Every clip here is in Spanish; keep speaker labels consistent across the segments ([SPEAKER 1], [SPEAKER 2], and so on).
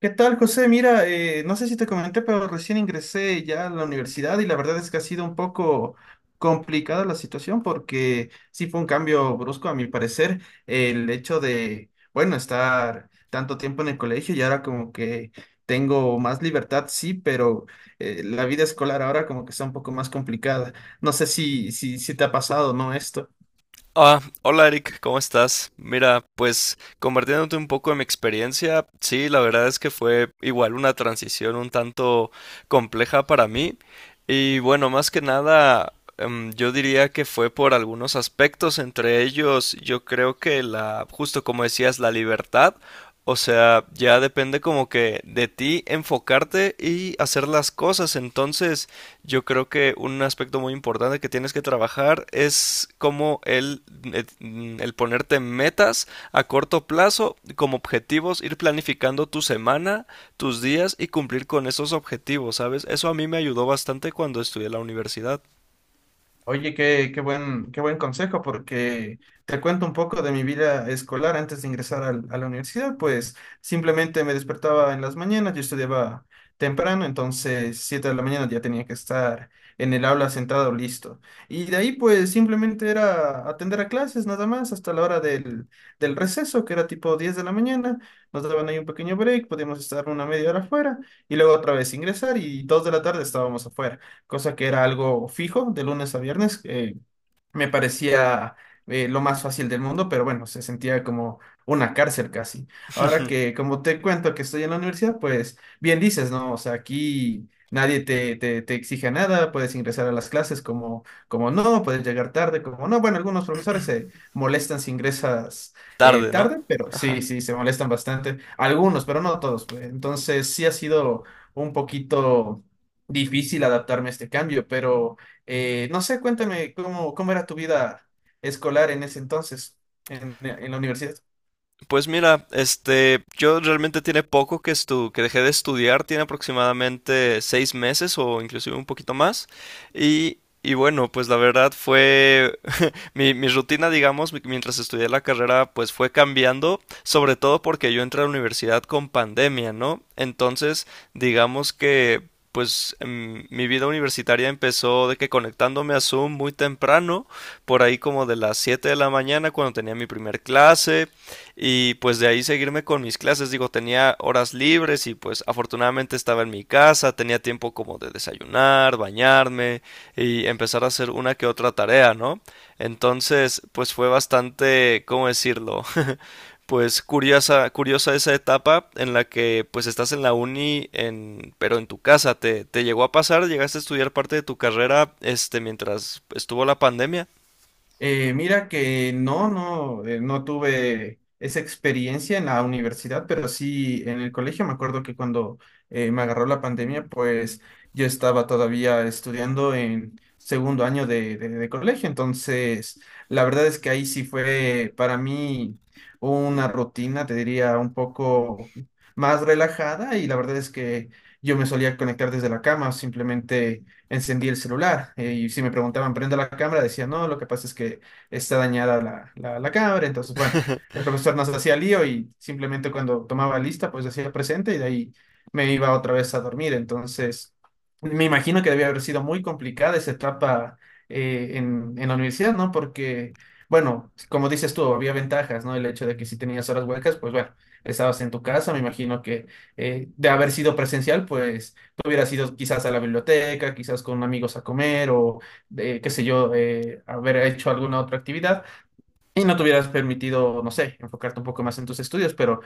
[SPEAKER 1] ¿Qué tal, José? Mira, no sé si te comenté, pero recién ingresé ya a la universidad y la verdad es que ha sido un poco complicada la situación porque sí fue un cambio brusco, a mi parecer, el hecho de, bueno, estar tanto tiempo en el colegio y ahora como que tengo más libertad, sí, pero la vida escolar ahora como que está un poco más complicada. No sé si te ha pasado, ¿no? Esto.
[SPEAKER 2] Ah, hola Eric, ¿cómo estás? Mira, pues compartiéndote un poco de mi experiencia, sí, la verdad es que fue igual una transición un tanto compleja para mí y bueno, más que nada, yo diría que fue por algunos aspectos, entre ellos yo creo que justo como decías, la libertad, o sea, ya depende como que de ti enfocarte y hacer las cosas, entonces... Yo creo que un aspecto muy importante que tienes que trabajar es como el, el ponerte metas a corto plazo como objetivos, ir planificando tu semana, tus días y cumplir con esos objetivos, ¿sabes? Eso a mí me ayudó bastante cuando estudié en la universidad.
[SPEAKER 1] Oye, qué buen consejo, porque te cuento un poco de mi vida escolar antes de ingresar a la universidad, pues simplemente me despertaba en las mañanas, yo estudiaba temprano, entonces 7 de la mañana ya tenía que estar en el aula sentado listo. Y de ahí pues simplemente era atender a clases nada más hasta la hora del receso, que era tipo 10 de la mañana, nos daban ahí un pequeño break, podíamos estar una media hora afuera y luego otra vez ingresar y 2 de la tarde estábamos afuera, cosa que era algo fijo de lunes a viernes. Me parecía lo más fácil del mundo, pero bueno, se sentía como una cárcel casi. Ahora que, como te cuento que estoy en la universidad, pues bien dices, ¿no? O sea, aquí nadie te exige nada, puedes ingresar a las clases como, como no, puedes llegar tarde, como no. Bueno, algunos profesores se molestan si ingresas
[SPEAKER 2] Tarde, ¿no?
[SPEAKER 1] tarde, pero sí, sí, se molestan bastante. Algunos, pero no todos, pues. Entonces, sí ha sido un poquito difícil adaptarme a este cambio, pero... no sé, cuéntame cómo, cómo era tu vida escolar en ese entonces, en la universidad.
[SPEAKER 2] Pues mira, este, yo realmente tiene poco que dejé de estudiar, tiene aproximadamente 6 meses o inclusive un poquito más. Y bueno, pues la verdad fue mi rutina, digamos, mientras estudié la carrera, pues fue cambiando, sobre todo porque yo entré a la universidad con pandemia, ¿no? Entonces, digamos que pues mi vida universitaria empezó de que conectándome a Zoom muy temprano, por ahí como de las 7 de la mañana cuando tenía mi primer clase y pues de ahí seguirme con mis clases, digo, tenía horas libres y pues afortunadamente estaba en mi casa, tenía tiempo como de desayunar, bañarme y empezar a hacer una que otra tarea, ¿no? Entonces, pues fue bastante, ¿cómo decirlo? pues curiosa, curiosa esa etapa en la que pues estás en la uni, pero en tu casa. ¿Te llegó a pasar? ¿Llegaste a estudiar parte de tu carrera, este, mientras estuvo la pandemia?
[SPEAKER 1] Mira que no tuve esa experiencia en la universidad, pero sí en el colegio. Me acuerdo que cuando me agarró la pandemia, pues yo estaba todavía estudiando en segundo año de colegio. Entonces, la verdad es que ahí sí fue para mí una rutina, te diría, un poco más relajada y la verdad es que yo me solía conectar desde la cama, simplemente encendí el celular. Y si me preguntaban, ¿prende la cámara? Decía, no, lo que pasa es que está dañada la cámara. Entonces, bueno, el profesor nos hacía lío y simplemente cuando tomaba lista, pues hacía presente y de ahí me iba otra vez a dormir. Entonces, me imagino que debía haber sido muy complicada esa etapa en la universidad, ¿no? Porque, bueno, como dices tú, había ventajas, ¿no? El hecho de que si tenías horas huecas, pues bueno, estabas en tu casa, me imagino que de haber sido presencial, pues hubiera sido quizás a la biblioteca, quizás con amigos a comer o, de, qué sé yo, haber hecho alguna otra actividad y no te hubieras permitido, no sé, enfocarte un poco más en tus estudios, pero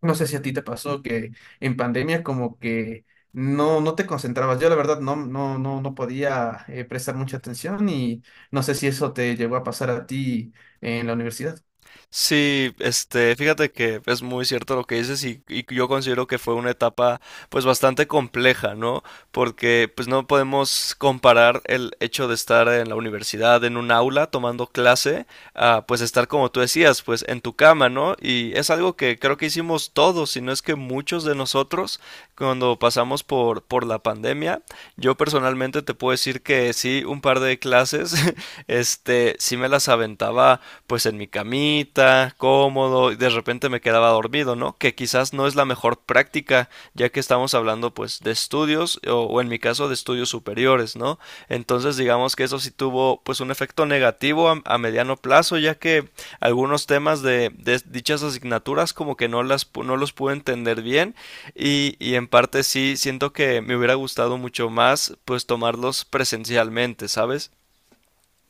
[SPEAKER 1] no sé si a ti te pasó que en pandemia como que no, no te concentrabas. Yo la verdad no podía prestar mucha atención y no sé si eso te llegó a pasar a ti en la universidad.
[SPEAKER 2] Sí, este, fíjate que es muy cierto lo que dices y yo considero que fue una etapa pues bastante compleja, ¿no? Porque pues no podemos comparar el hecho de estar en la universidad, en un aula, tomando clase, a pues estar como tú decías, pues en tu cama, ¿no? Y es algo que creo que hicimos todos, si no es que muchos de nosotros, cuando pasamos por la pandemia. Yo personalmente te puedo decir que sí, un par de clases, este, sí me las aventaba pues en mi camita, cómodo, y de repente me quedaba dormido, ¿no? Que quizás no es la mejor práctica, ya que estamos hablando pues de estudios, o en mi caso de estudios superiores, ¿no? Entonces digamos que eso sí tuvo pues un efecto negativo a mediano plazo, ya que algunos temas dichas asignaturas como que no los pude entender bien y en parte sí siento que me hubiera gustado mucho más pues tomarlos presencialmente, ¿sabes?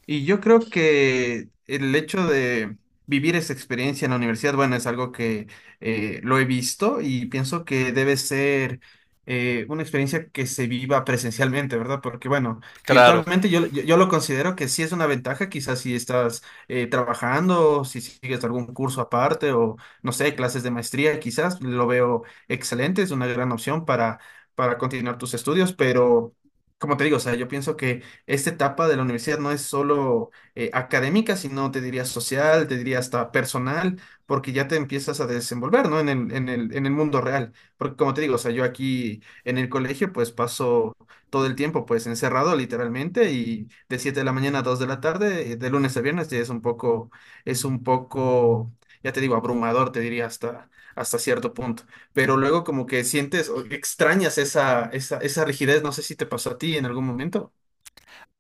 [SPEAKER 1] Y yo creo que el hecho de vivir esa experiencia en la universidad, bueno, es algo que lo he visto y pienso que debe ser una experiencia que se viva presencialmente, ¿verdad? Porque, bueno,
[SPEAKER 2] Claro.
[SPEAKER 1] virtualmente yo lo considero que sí es una ventaja, quizás si estás trabajando, si sigues algún curso aparte o, no sé, clases de maestría, quizás lo veo excelente, es una gran opción para continuar tus estudios, pero, como te digo, o sea, yo pienso que esta etapa de la universidad no es solo académica, sino te diría social, te diría hasta personal, porque ya te empiezas a desenvolver, ¿no? En el mundo real. Porque como te digo, o sea, yo aquí en el colegio pues paso todo el tiempo pues encerrado literalmente y de 7 de la mañana a 2 de la tarde, de lunes a viernes, ya es un poco, ya te digo, abrumador, te diría hasta, hasta cierto punto. Pero luego como que sientes o extrañas esa rigidez, no sé si te pasó a ti en algún momento.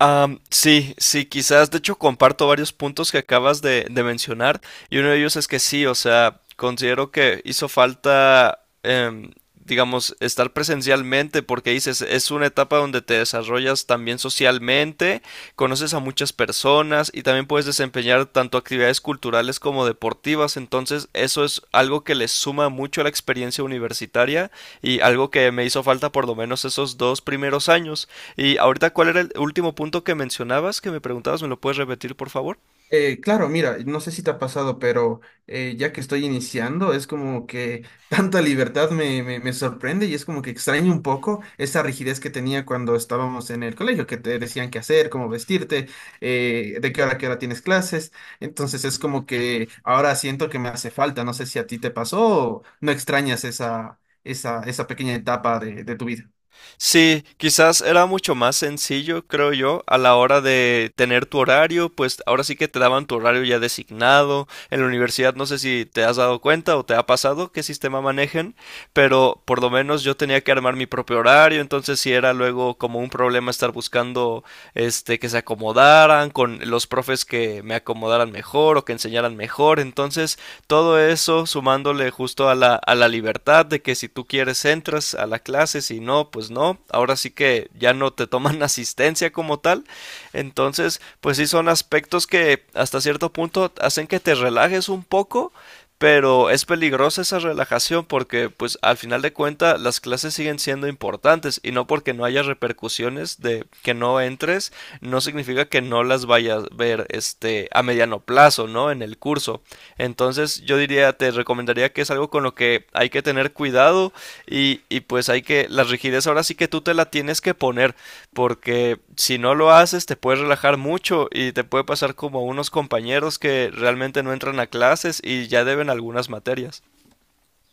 [SPEAKER 2] Sí, sí, quizás, de hecho, comparto varios puntos que acabas de mencionar y uno de ellos es que sí, o sea, considero que hizo falta, digamos, estar presencialmente porque dices, es una etapa donde te desarrollas también socialmente, conoces a muchas personas y también puedes desempeñar tanto actividades culturales como deportivas, entonces eso es algo que le suma mucho a la experiencia universitaria y algo que me hizo falta por lo menos esos 2 primeros años. Y ahorita, ¿cuál era el último punto que mencionabas, que me preguntabas? ¿Me lo puedes repetir, por favor?
[SPEAKER 1] Claro, mira, no sé si te ha pasado, pero ya que estoy iniciando, es como que tanta libertad me sorprende y es como que extraño un poco esa rigidez que tenía cuando estábamos en el colegio, que te decían qué hacer, cómo vestirte, de qué hora a qué hora tienes clases. Entonces es como que ahora siento que me hace falta. No sé si a ti te pasó o no extrañas esa pequeña etapa de tu vida.
[SPEAKER 2] Sí, quizás era mucho más sencillo, creo yo, a la hora de tener tu horario, pues ahora sí que te daban tu horario ya designado. En la universidad no sé si te has dado cuenta o te ha pasado qué sistema manejen, pero por lo menos yo tenía que armar mi propio horario, entonces sí era luego como un problema estar buscando este, que se acomodaran, con los profes que me acomodaran mejor o que enseñaran mejor. Entonces, todo eso sumándole justo a a la libertad de que si tú quieres entras a la clase, si no, pues no. Ahora sí que ya no te toman asistencia como tal. Entonces, pues sí son aspectos que hasta cierto punto hacen que te relajes un poco, pero es peligrosa esa relajación porque pues al final de cuentas las clases siguen siendo importantes y no porque no haya repercusiones de que no entres no significa que no las vayas a ver este a mediano plazo, ¿no? En el curso. Entonces yo diría, te recomendaría que es algo con lo que hay que tener cuidado y pues hay que la rigidez ahora sí que tú te la tienes que poner porque si no lo haces te puedes relajar mucho y te puede pasar como a unos compañeros que realmente no entran a clases y ya deben algunas materias.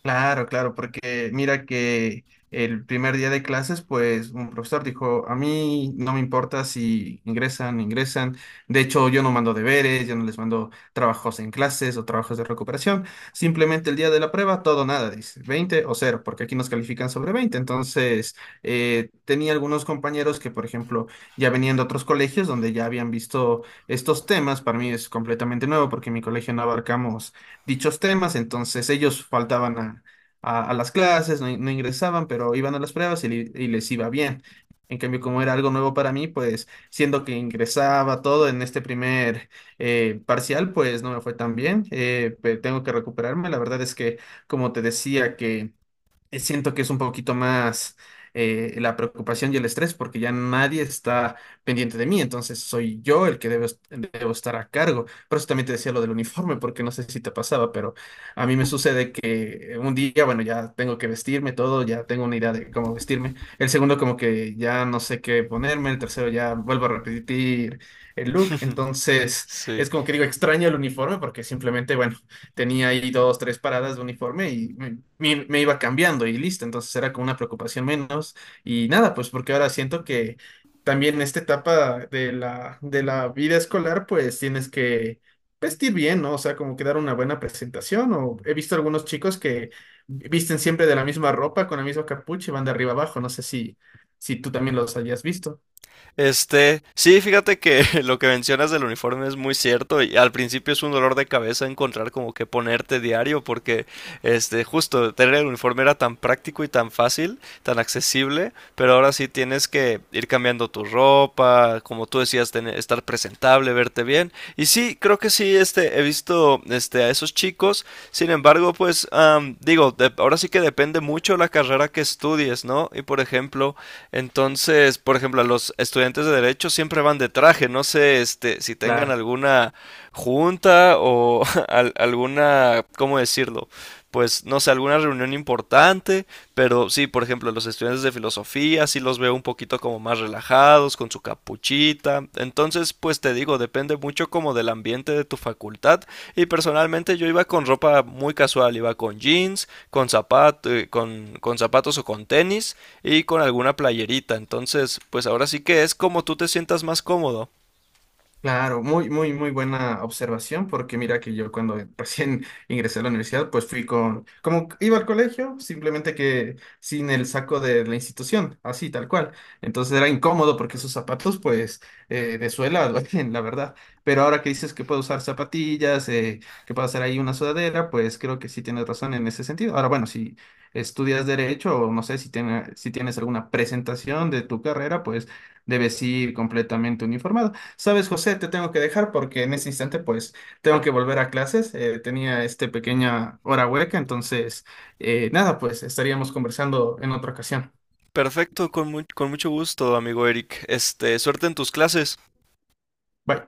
[SPEAKER 1] Claro, claro, porque mira que el primer día de clases, pues un profesor dijo, a mí no me importa si ingresan, ingresan. De hecho, yo no mando deberes, yo no les mando trabajos en clases o trabajos de recuperación. Simplemente el día de la prueba, todo o nada, dice, 20 o cero, porque aquí nos califican sobre 20. Entonces, tenía algunos compañeros que, por ejemplo, ya venían de otros colegios donde ya habían visto estos temas. Para mí es completamente nuevo porque en mi colegio no abarcamos dichos temas, entonces ellos faltaban a las clases, no, no ingresaban, pero iban a las pruebas y les iba bien. En cambio, como era algo nuevo para mí, pues siendo que ingresaba todo en este primer parcial, pues no me fue tan bien. Tengo que recuperarme. La verdad es que, como te decía, que siento que es un poquito más la preocupación y el estrés porque ya nadie está pendiente de mí, entonces soy yo el que debo estar a cargo. Por eso también te decía lo del uniforme, porque no sé si te pasaba, pero a mí me sucede que un día, bueno, ya tengo que vestirme todo, ya tengo una idea de cómo vestirme. El segundo como que ya no sé qué ponerme, el tercero ya vuelvo a repetir el look, entonces
[SPEAKER 2] Sí,
[SPEAKER 1] es como que digo, extraño el uniforme porque simplemente, bueno, tenía ahí dos, tres paradas de uniforme y me iba cambiando y listo. Entonces era como una preocupación menos. Y nada, pues porque ahora siento que también en esta etapa de la vida escolar, pues tienes que vestir bien, ¿no? O sea, como que dar una buena presentación. O he visto algunos chicos que visten siempre de la misma ropa, con la misma capucha y van de arriba abajo. No sé si, si tú también los hayas visto.
[SPEAKER 2] este, sí, fíjate que lo que mencionas del uniforme es muy cierto y al principio es un dolor de cabeza encontrar como que ponerte diario porque este, justo tener el uniforme era tan práctico y tan fácil, tan accesible, pero ahora sí tienes que ir cambiando tu ropa, como tú decías, estar presentable, verte bien. Y sí, creo que sí, este, he visto, este, a esos chicos. Sin embargo, pues, digo, ahora sí que depende mucho la carrera que estudies, ¿no? Entonces, por ejemplo, a los estudiantes de derecho siempre van de traje. No sé, este, si tengan
[SPEAKER 1] Claro.
[SPEAKER 2] alguna junta o alguna, ¿cómo decirlo? Pues, no sé, alguna reunión importante, pero sí, por ejemplo, los estudiantes de filosofía sí los veo un poquito como más relajados, con su capuchita. Entonces, pues te digo, depende mucho como del ambiente de tu facultad. Y personalmente yo iba con ropa muy casual, iba con jeans, con zapato, con zapatos o con tenis y con alguna playerita. Entonces, pues ahora sí que es como tú te sientas más cómodo.
[SPEAKER 1] Claro, muy, muy, muy buena observación, porque mira que yo cuando recién ingresé a la universidad, pues fui con, como iba al colegio, simplemente que sin el saco de la institución, así tal cual. Entonces era incómodo porque esos zapatos, pues, de suela, duelen, la verdad. Pero ahora que dices que puedo usar zapatillas, que puedo hacer ahí una sudadera, pues creo que sí tienes razón en ese sentido. Ahora, bueno, si estudias derecho o no sé si, si tienes alguna presentación de tu carrera, pues debes ir completamente uniformado. Sabes, José, te tengo que dejar porque en ese instante pues tengo que volver a clases. Tenía este pequeña hora hueca, entonces nada, pues estaríamos conversando en otra ocasión.
[SPEAKER 2] Perfecto, con, con mucho gusto, amigo Eric. Este, suerte en tus clases.
[SPEAKER 1] Bye.